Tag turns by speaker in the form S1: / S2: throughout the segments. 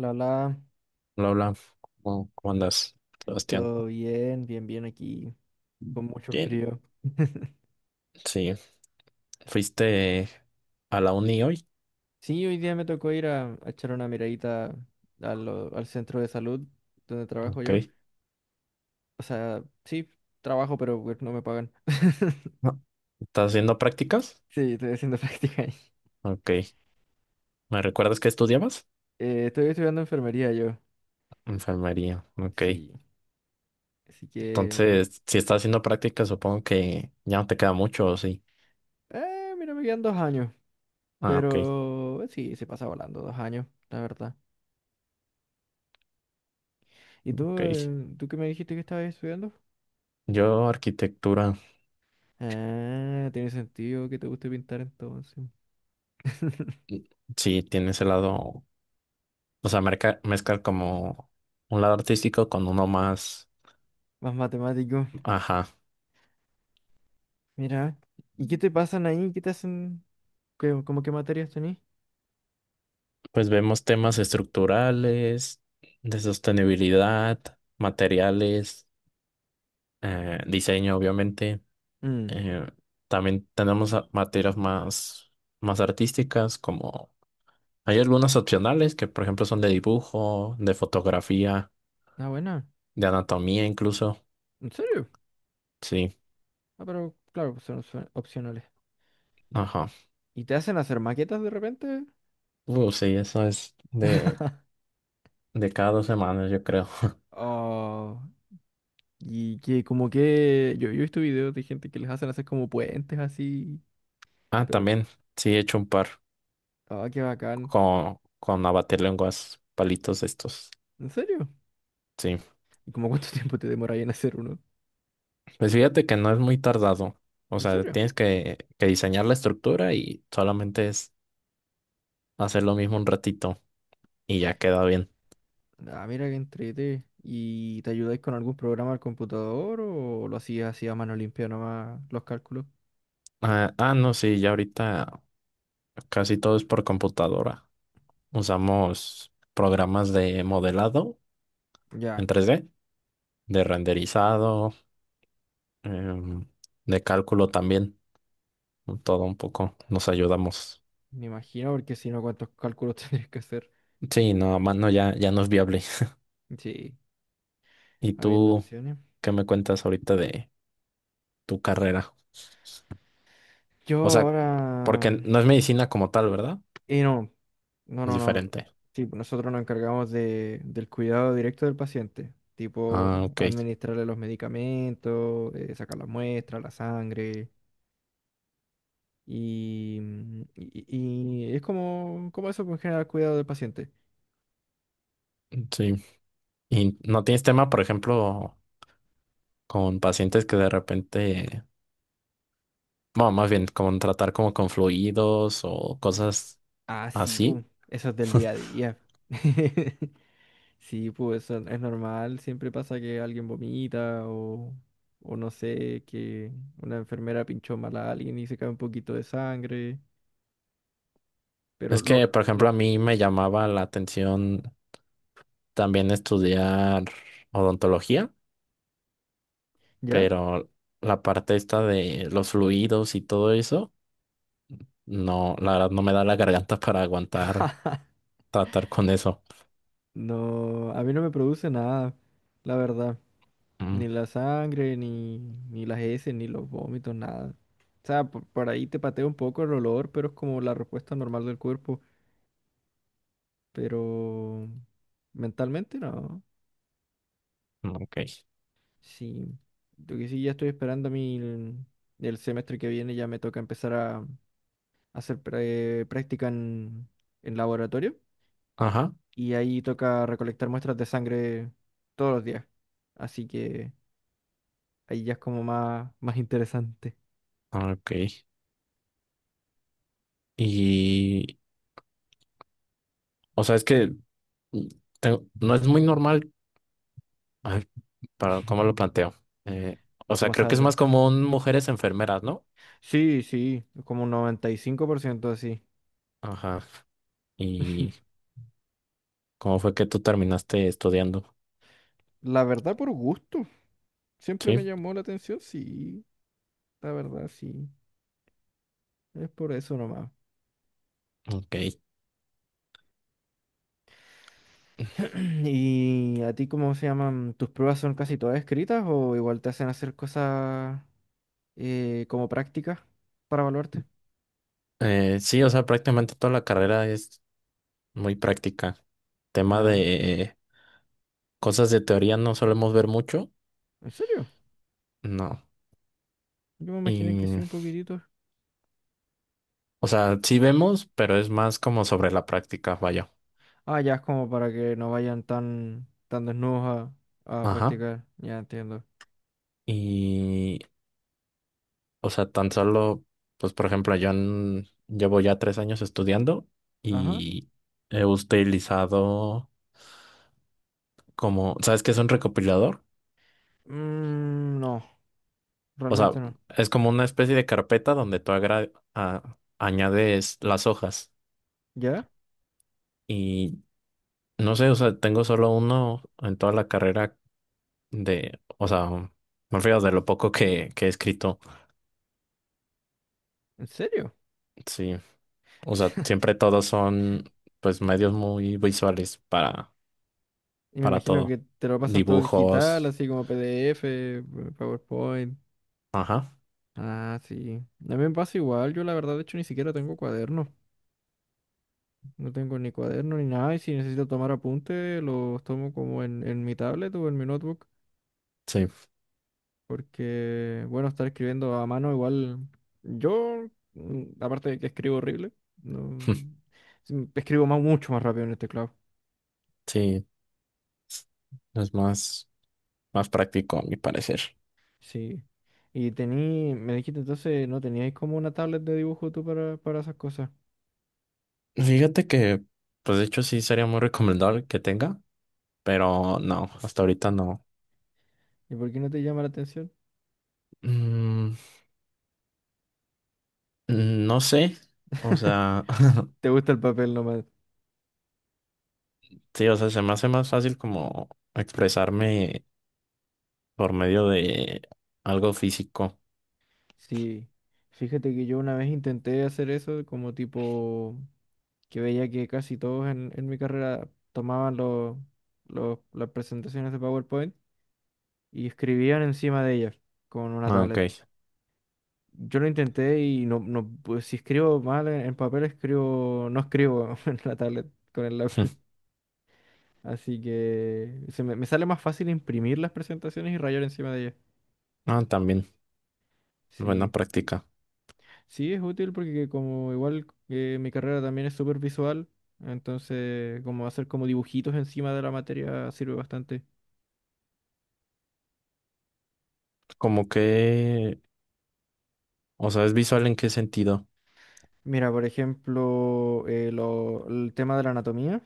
S1: Lala,
S2: Hola, hola. ¿Cómo andas, Sebastián?
S1: todo bien, bien aquí, con mucho
S2: Bien.
S1: frío.
S2: Sí. ¿Fuiste a la uni hoy?
S1: Sí, hoy día me tocó ir a echar una miradita al centro de salud donde trabajo yo.
S2: Ok.
S1: O sea, sí, trabajo, pero pues, no me pagan.
S2: No. ¿Estás haciendo prácticas?
S1: Sí, estoy haciendo práctica ahí.
S2: Ok. ¿Me recuerdas que estudiabas?
S1: Estoy estudiando enfermería yo.
S2: Enfermería. Ok.
S1: Sí, así que...
S2: Entonces, si estás haciendo prácticas, supongo que ya no te queda mucho, ¿o sí?
S1: Mira, me quedan dos años,
S2: Ah, ok.
S1: pero sí, se pasa volando dos años, la verdad. ¿Y tú,
S2: Ok.
S1: tú qué me dijiste que estabas estudiando?
S2: Yo, arquitectura,
S1: Ah, tiene sentido que te guste pintar entonces.
S2: sí, tiene ese lado, o sea, mezclar como un lado artístico con uno más,
S1: Más matemático.
S2: ajá.
S1: Mira. ¿Y qué te pasan ahí? ¿Qué te hacen? ¿Cómo qué materias tenés?
S2: Pues vemos temas estructurales, de sostenibilidad, materiales, diseño, obviamente.
S1: Mm.
S2: Eh, también tenemos materias más artísticas, como hay algunas opcionales que, por ejemplo, son de dibujo, de fotografía,
S1: Ah, buena.
S2: de anatomía incluso.
S1: ¿En serio?
S2: Sí,
S1: Ah, pero claro, son opcionales.
S2: ajá.
S1: ¿Y te hacen hacer maquetas de repente?
S2: Sí, eso es de cada 2 semanas, yo creo.
S1: Oh, y que como que yo he visto videos de gente que les hacen hacer como puentes así,
S2: Ah,
S1: pero
S2: también, sí, he hecho un par
S1: ah, qué bacán.
S2: con lenguas palitos estos.
S1: ¿En serio?
S2: Sí.
S1: ¿Y como cuánto tiempo te demoráis en hacer uno?
S2: Pues fíjate que no es muy tardado. O
S1: ¿En
S2: sea,
S1: serio?
S2: tienes que diseñar la estructura y solamente es hacer lo mismo un ratito y ya queda bien.
S1: Ah, mira que entrete. ¿Y te ayudáis con algún programa al computador o lo hacías así a mano limpia nomás los cálculos?
S2: No, sí, ya ahorita casi todo es por computadora. Usamos programas de modelado en
S1: Ya,
S2: 3D de renderizado, em, de cálculo también. Todo un poco nos ayudamos.
S1: me imagino, porque si no, ¿cuántos cálculos tendrías que hacer?
S2: Sí, no, a mano ya no es viable.
S1: Sí,
S2: ¿Y
S1: habiendo
S2: tú
S1: opciones.
S2: qué me cuentas ahorita de tu carrera?
S1: Yo
S2: O sea,
S1: ahora...
S2: porque no es medicina como tal, ¿verdad?
S1: y no, no,
S2: Es
S1: no, no, no.
S2: diferente.
S1: Sí, pues nosotros nos encargamos del cuidado directo del paciente,
S2: Ah,
S1: tipo
S2: ok.
S1: administrarle los medicamentos, sacar las muestras, la sangre. Y, y es como, como eso, pues, en general, cuidado del paciente.
S2: Sí. ¿Y no tienes tema, por ejemplo, con pacientes que de repente, bueno, más bien con tratar como con fluidos o cosas
S1: Ah, sí, pues,
S2: así?
S1: eso es del día a día. Sí, pues eso es normal, siempre pasa que alguien vomita o no sé, que una enfermera pinchó mal a alguien y se cae un poquito de sangre, pero
S2: Es que, por ejemplo, a
S1: lo,
S2: mí me llamaba la atención también estudiar odontología,
S1: ¿ya?
S2: pero la parte esta de los fluidos y todo eso, no, la verdad no me da la garganta para aguantar tratar con eso.
S1: No, a mí no me produce nada, la verdad,
S2: Mm,
S1: ni la sangre, ni, ni las heces, ni los vómitos, nada. O sea, por ahí te patea un poco el olor, pero es como la respuesta normal del cuerpo. Pero mentalmente no.
S2: ok.
S1: Sí, lo que sí ya estoy esperando a mí el semestre que viene ya me toca empezar a, hacer práctica en laboratorio
S2: Ajá,
S1: y ahí toca recolectar muestras de sangre todos los días. Así que ahí ya es como más, más interesante
S2: ah, ok. Y, o sea, es que mm, tengo- no es muy normal, ay, para cómo lo planteo. Eh, o sea,
S1: cómo
S2: creo que es más
S1: salga.
S2: común mujeres enfermeras, ¿no?
S1: Sí, sí, como un 95% así.
S2: Ajá. ¿Y cómo fue que tú terminaste estudiando?
S1: La verdad por gusto. Siempre
S2: Sí,
S1: me llamó la atención, sí, la verdad sí. Es por eso nomás.
S2: ok.
S1: ¿Y a ti cómo se llaman? ¿Tus pruebas son casi todas escritas o igual te hacen hacer cosas como prácticas para evaluarte?
S2: Sí, o sea, prácticamente toda la carrera es muy práctica. Tema
S1: Ah,
S2: de cosas de teoría no solemos ver mucho,
S1: ¿en serio?
S2: no.
S1: Yo me imaginé que sí,
S2: Y,
S1: un poquitito.
S2: o sea, sí vemos, pero es más como sobre la práctica, vaya.
S1: Ah, ya es como para que no vayan tan desnudos a
S2: Ajá.
S1: practicar. Ya entiendo.
S2: Y, o sea, tan solo, pues por ejemplo, llevo ya 3 años estudiando
S1: Ajá.
S2: y he utilizado como, ¿sabes qué es un recopilador?
S1: Mm, no,
S2: O sea,
S1: realmente no.
S2: es como una especie de carpeta donde añades las hojas.
S1: ¿Ya?
S2: Y no sé, o sea, tengo solo uno en toda la carrera de, o sea, me refiero de lo poco que he escrito.
S1: ¿En serio?
S2: Sí, o sea, siempre todos son, pues, medios muy visuales
S1: Y me
S2: para
S1: imagino
S2: todo.
S1: que te lo pasan todo digital,
S2: Dibujos.
S1: así como PDF, PowerPoint.
S2: Ajá.
S1: Ah, sí. A mí me pasa igual. Yo la verdad, de hecho, ni siquiera tengo cuaderno. No tengo ni cuaderno ni nada. Y si necesito tomar apunte, los tomo como en mi tablet o en mi notebook.
S2: Sí.
S1: Porque, bueno, estar escribiendo a mano igual. Yo, aparte de que escribo horrible, no... sí, escribo más, mucho más rápido en el teclado.
S2: Sí. Es más práctico, a mi parecer.
S1: Sí. Y tení, me dijiste entonces, ¿no teníais como una tablet de dibujo tú para esas cosas?
S2: Fíjate que, pues de hecho sí sería muy recomendable que tenga, pero no, hasta ahorita no.
S1: ¿Y por qué no te llama la atención?
S2: Mm, no sé, o sea,
S1: ¿Te gusta el papel nomás?
S2: sí, o sea, se me hace más fácil como expresarme por medio de algo físico.
S1: Sí, fíjate que yo una vez intenté hacer eso, como tipo que veía que casi todos en mi carrera tomaban las presentaciones de PowerPoint y escribían encima de ellas con una
S2: Ah, ok.
S1: tablet. Yo lo intenté y no, no, pues, si escribo mal en papel, no escribo en la tablet con el lápiz. Así que me sale más fácil imprimir las presentaciones y rayar encima de ellas.
S2: Ah, también, buena
S1: Sí.
S2: práctica.
S1: Sí, es útil porque como igual mi carrera también es súper visual, entonces como hacer como dibujitos encima de la materia sirve bastante.
S2: Como que, o sea, ¿es visual en qué sentido?
S1: Mira, por ejemplo, el tema de la anatomía,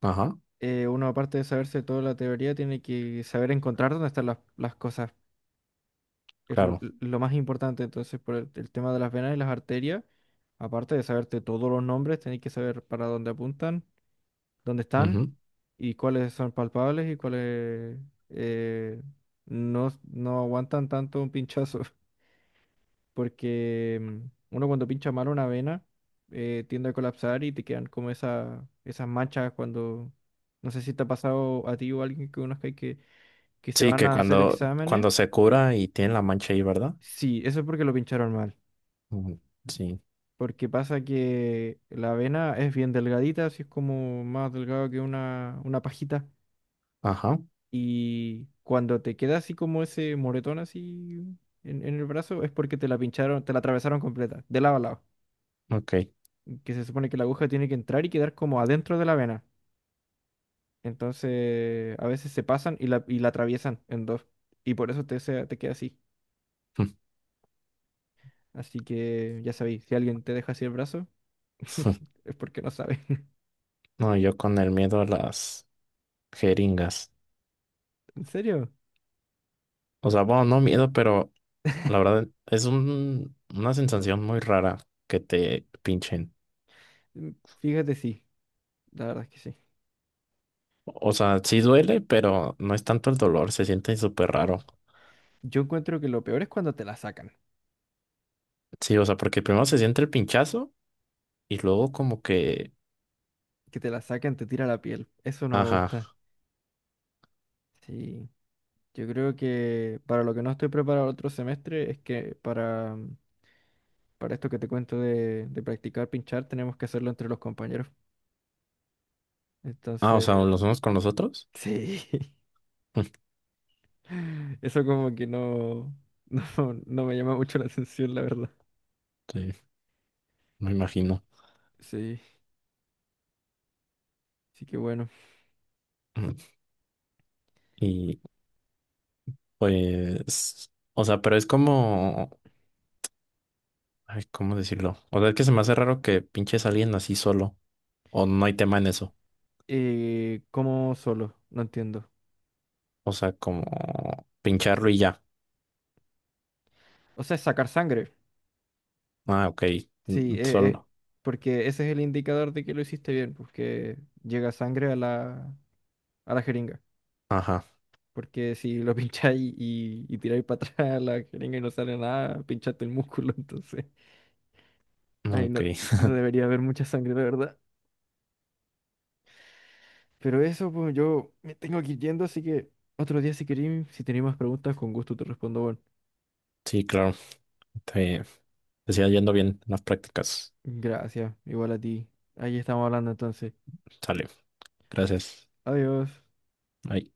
S2: Ajá,
S1: uno aparte de saberse toda la teoría, tiene que saber encontrar dónde están las cosas, es
S2: claro.
S1: lo más importante, entonces por el tema de las venas y las arterias, aparte de saberte todos los nombres, tenés que saber para dónde apuntan, dónde están.
S2: Ujú.
S1: Y cuáles son palpables y cuáles eh, no, no aguantan tanto un pinchazo. Porque uno cuando pincha mal una vena tiende a colapsar y te quedan como esas manchas cuando, no sé si te ha pasado a ti o a alguien que conozca que se
S2: Sí,
S1: van
S2: que
S1: a hacer exámenes.
S2: cuando se cura y tiene la mancha ahí, ¿verdad?
S1: Sí, eso es porque lo pincharon mal.
S2: Mm. Sí.
S1: Porque pasa que la vena es bien delgadita, así es como más delgado que una pajita.
S2: Ajá,
S1: Y cuando te queda así como ese moretón así en el brazo, es porque te la pincharon, te la atravesaron completa, de lado a lado.
S2: ok.
S1: Que se supone que la aguja tiene que entrar y quedar como adentro de la vena. Entonces, a veces se pasan y la atraviesan en dos. Y por eso te queda así. Así que ya sabéis, si alguien te deja así el brazo, es porque no sabe.
S2: No, yo con el miedo a las jeringas.
S1: ¿En serio?
S2: O sea, bueno, no miedo, pero la verdad es una sensación muy rara que te pinchen.
S1: Mm, Fíjate, sí. La verdad es que sí.
S2: O sea, sí duele, pero no es tanto el dolor, se siente súper raro.
S1: Yo encuentro que lo peor es cuando te la sacan.
S2: Sí, o sea, porque primero se siente el pinchazo y luego como que...
S1: Que te la sacan, te tira la piel. Eso no me
S2: Ajá.
S1: gusta. Sí. Yo creo que para lo que no estoy preparado el otro semestre es para esto que te cuento de practicar pinchar tenemos que hacerlo entre los compañeros.
S2: Ah, o sea,
S1: Entonces,
S2: los unos con los otros.
S1: sí, eso como que no, no me llama mucho la atención, la verdad.
S2: Sí, me imagino.
S1: Sí, sí que bueno.
S2: Ujú. Y pues, o sea, pero es como, ay, ¿cómo decirlo? O sea, es que se me hace raro que pinches a alguien así solo. O no hay tema en eso.
S1: ¿Cómo solo? No entiendo.
S2: O sea, como pincharlo y ya.
S1: O sea, sacar sangre.
S2: Ah, ok.
S1: Sí, es,
S2: Solo.
S1: porque ese es el indicador de que lo hiciste bien, porque llega sangre a a la jeringa.
S2: Ajá.
S1: Porque si lo pincháis y tiráis para atrás la jeringa y no sale nada, pinchaste el músculo, entonces ahí
S2: Ok.
S1: no, no debería haber mucha sangre, la verdad. Pero eso, pues yo me tengo que ir yendo, así que otro día si queréis, si tenéis más preguntas, con gusto te respondo, bueno.
S2: Sí, claro. Te, te sigas yendo bien en las prácticas.
S1: Gracias, igual a ti. Ahí estamos hablando entonces.
S2: Sale. Gracias.
S1: Adiós.
S2: Bye.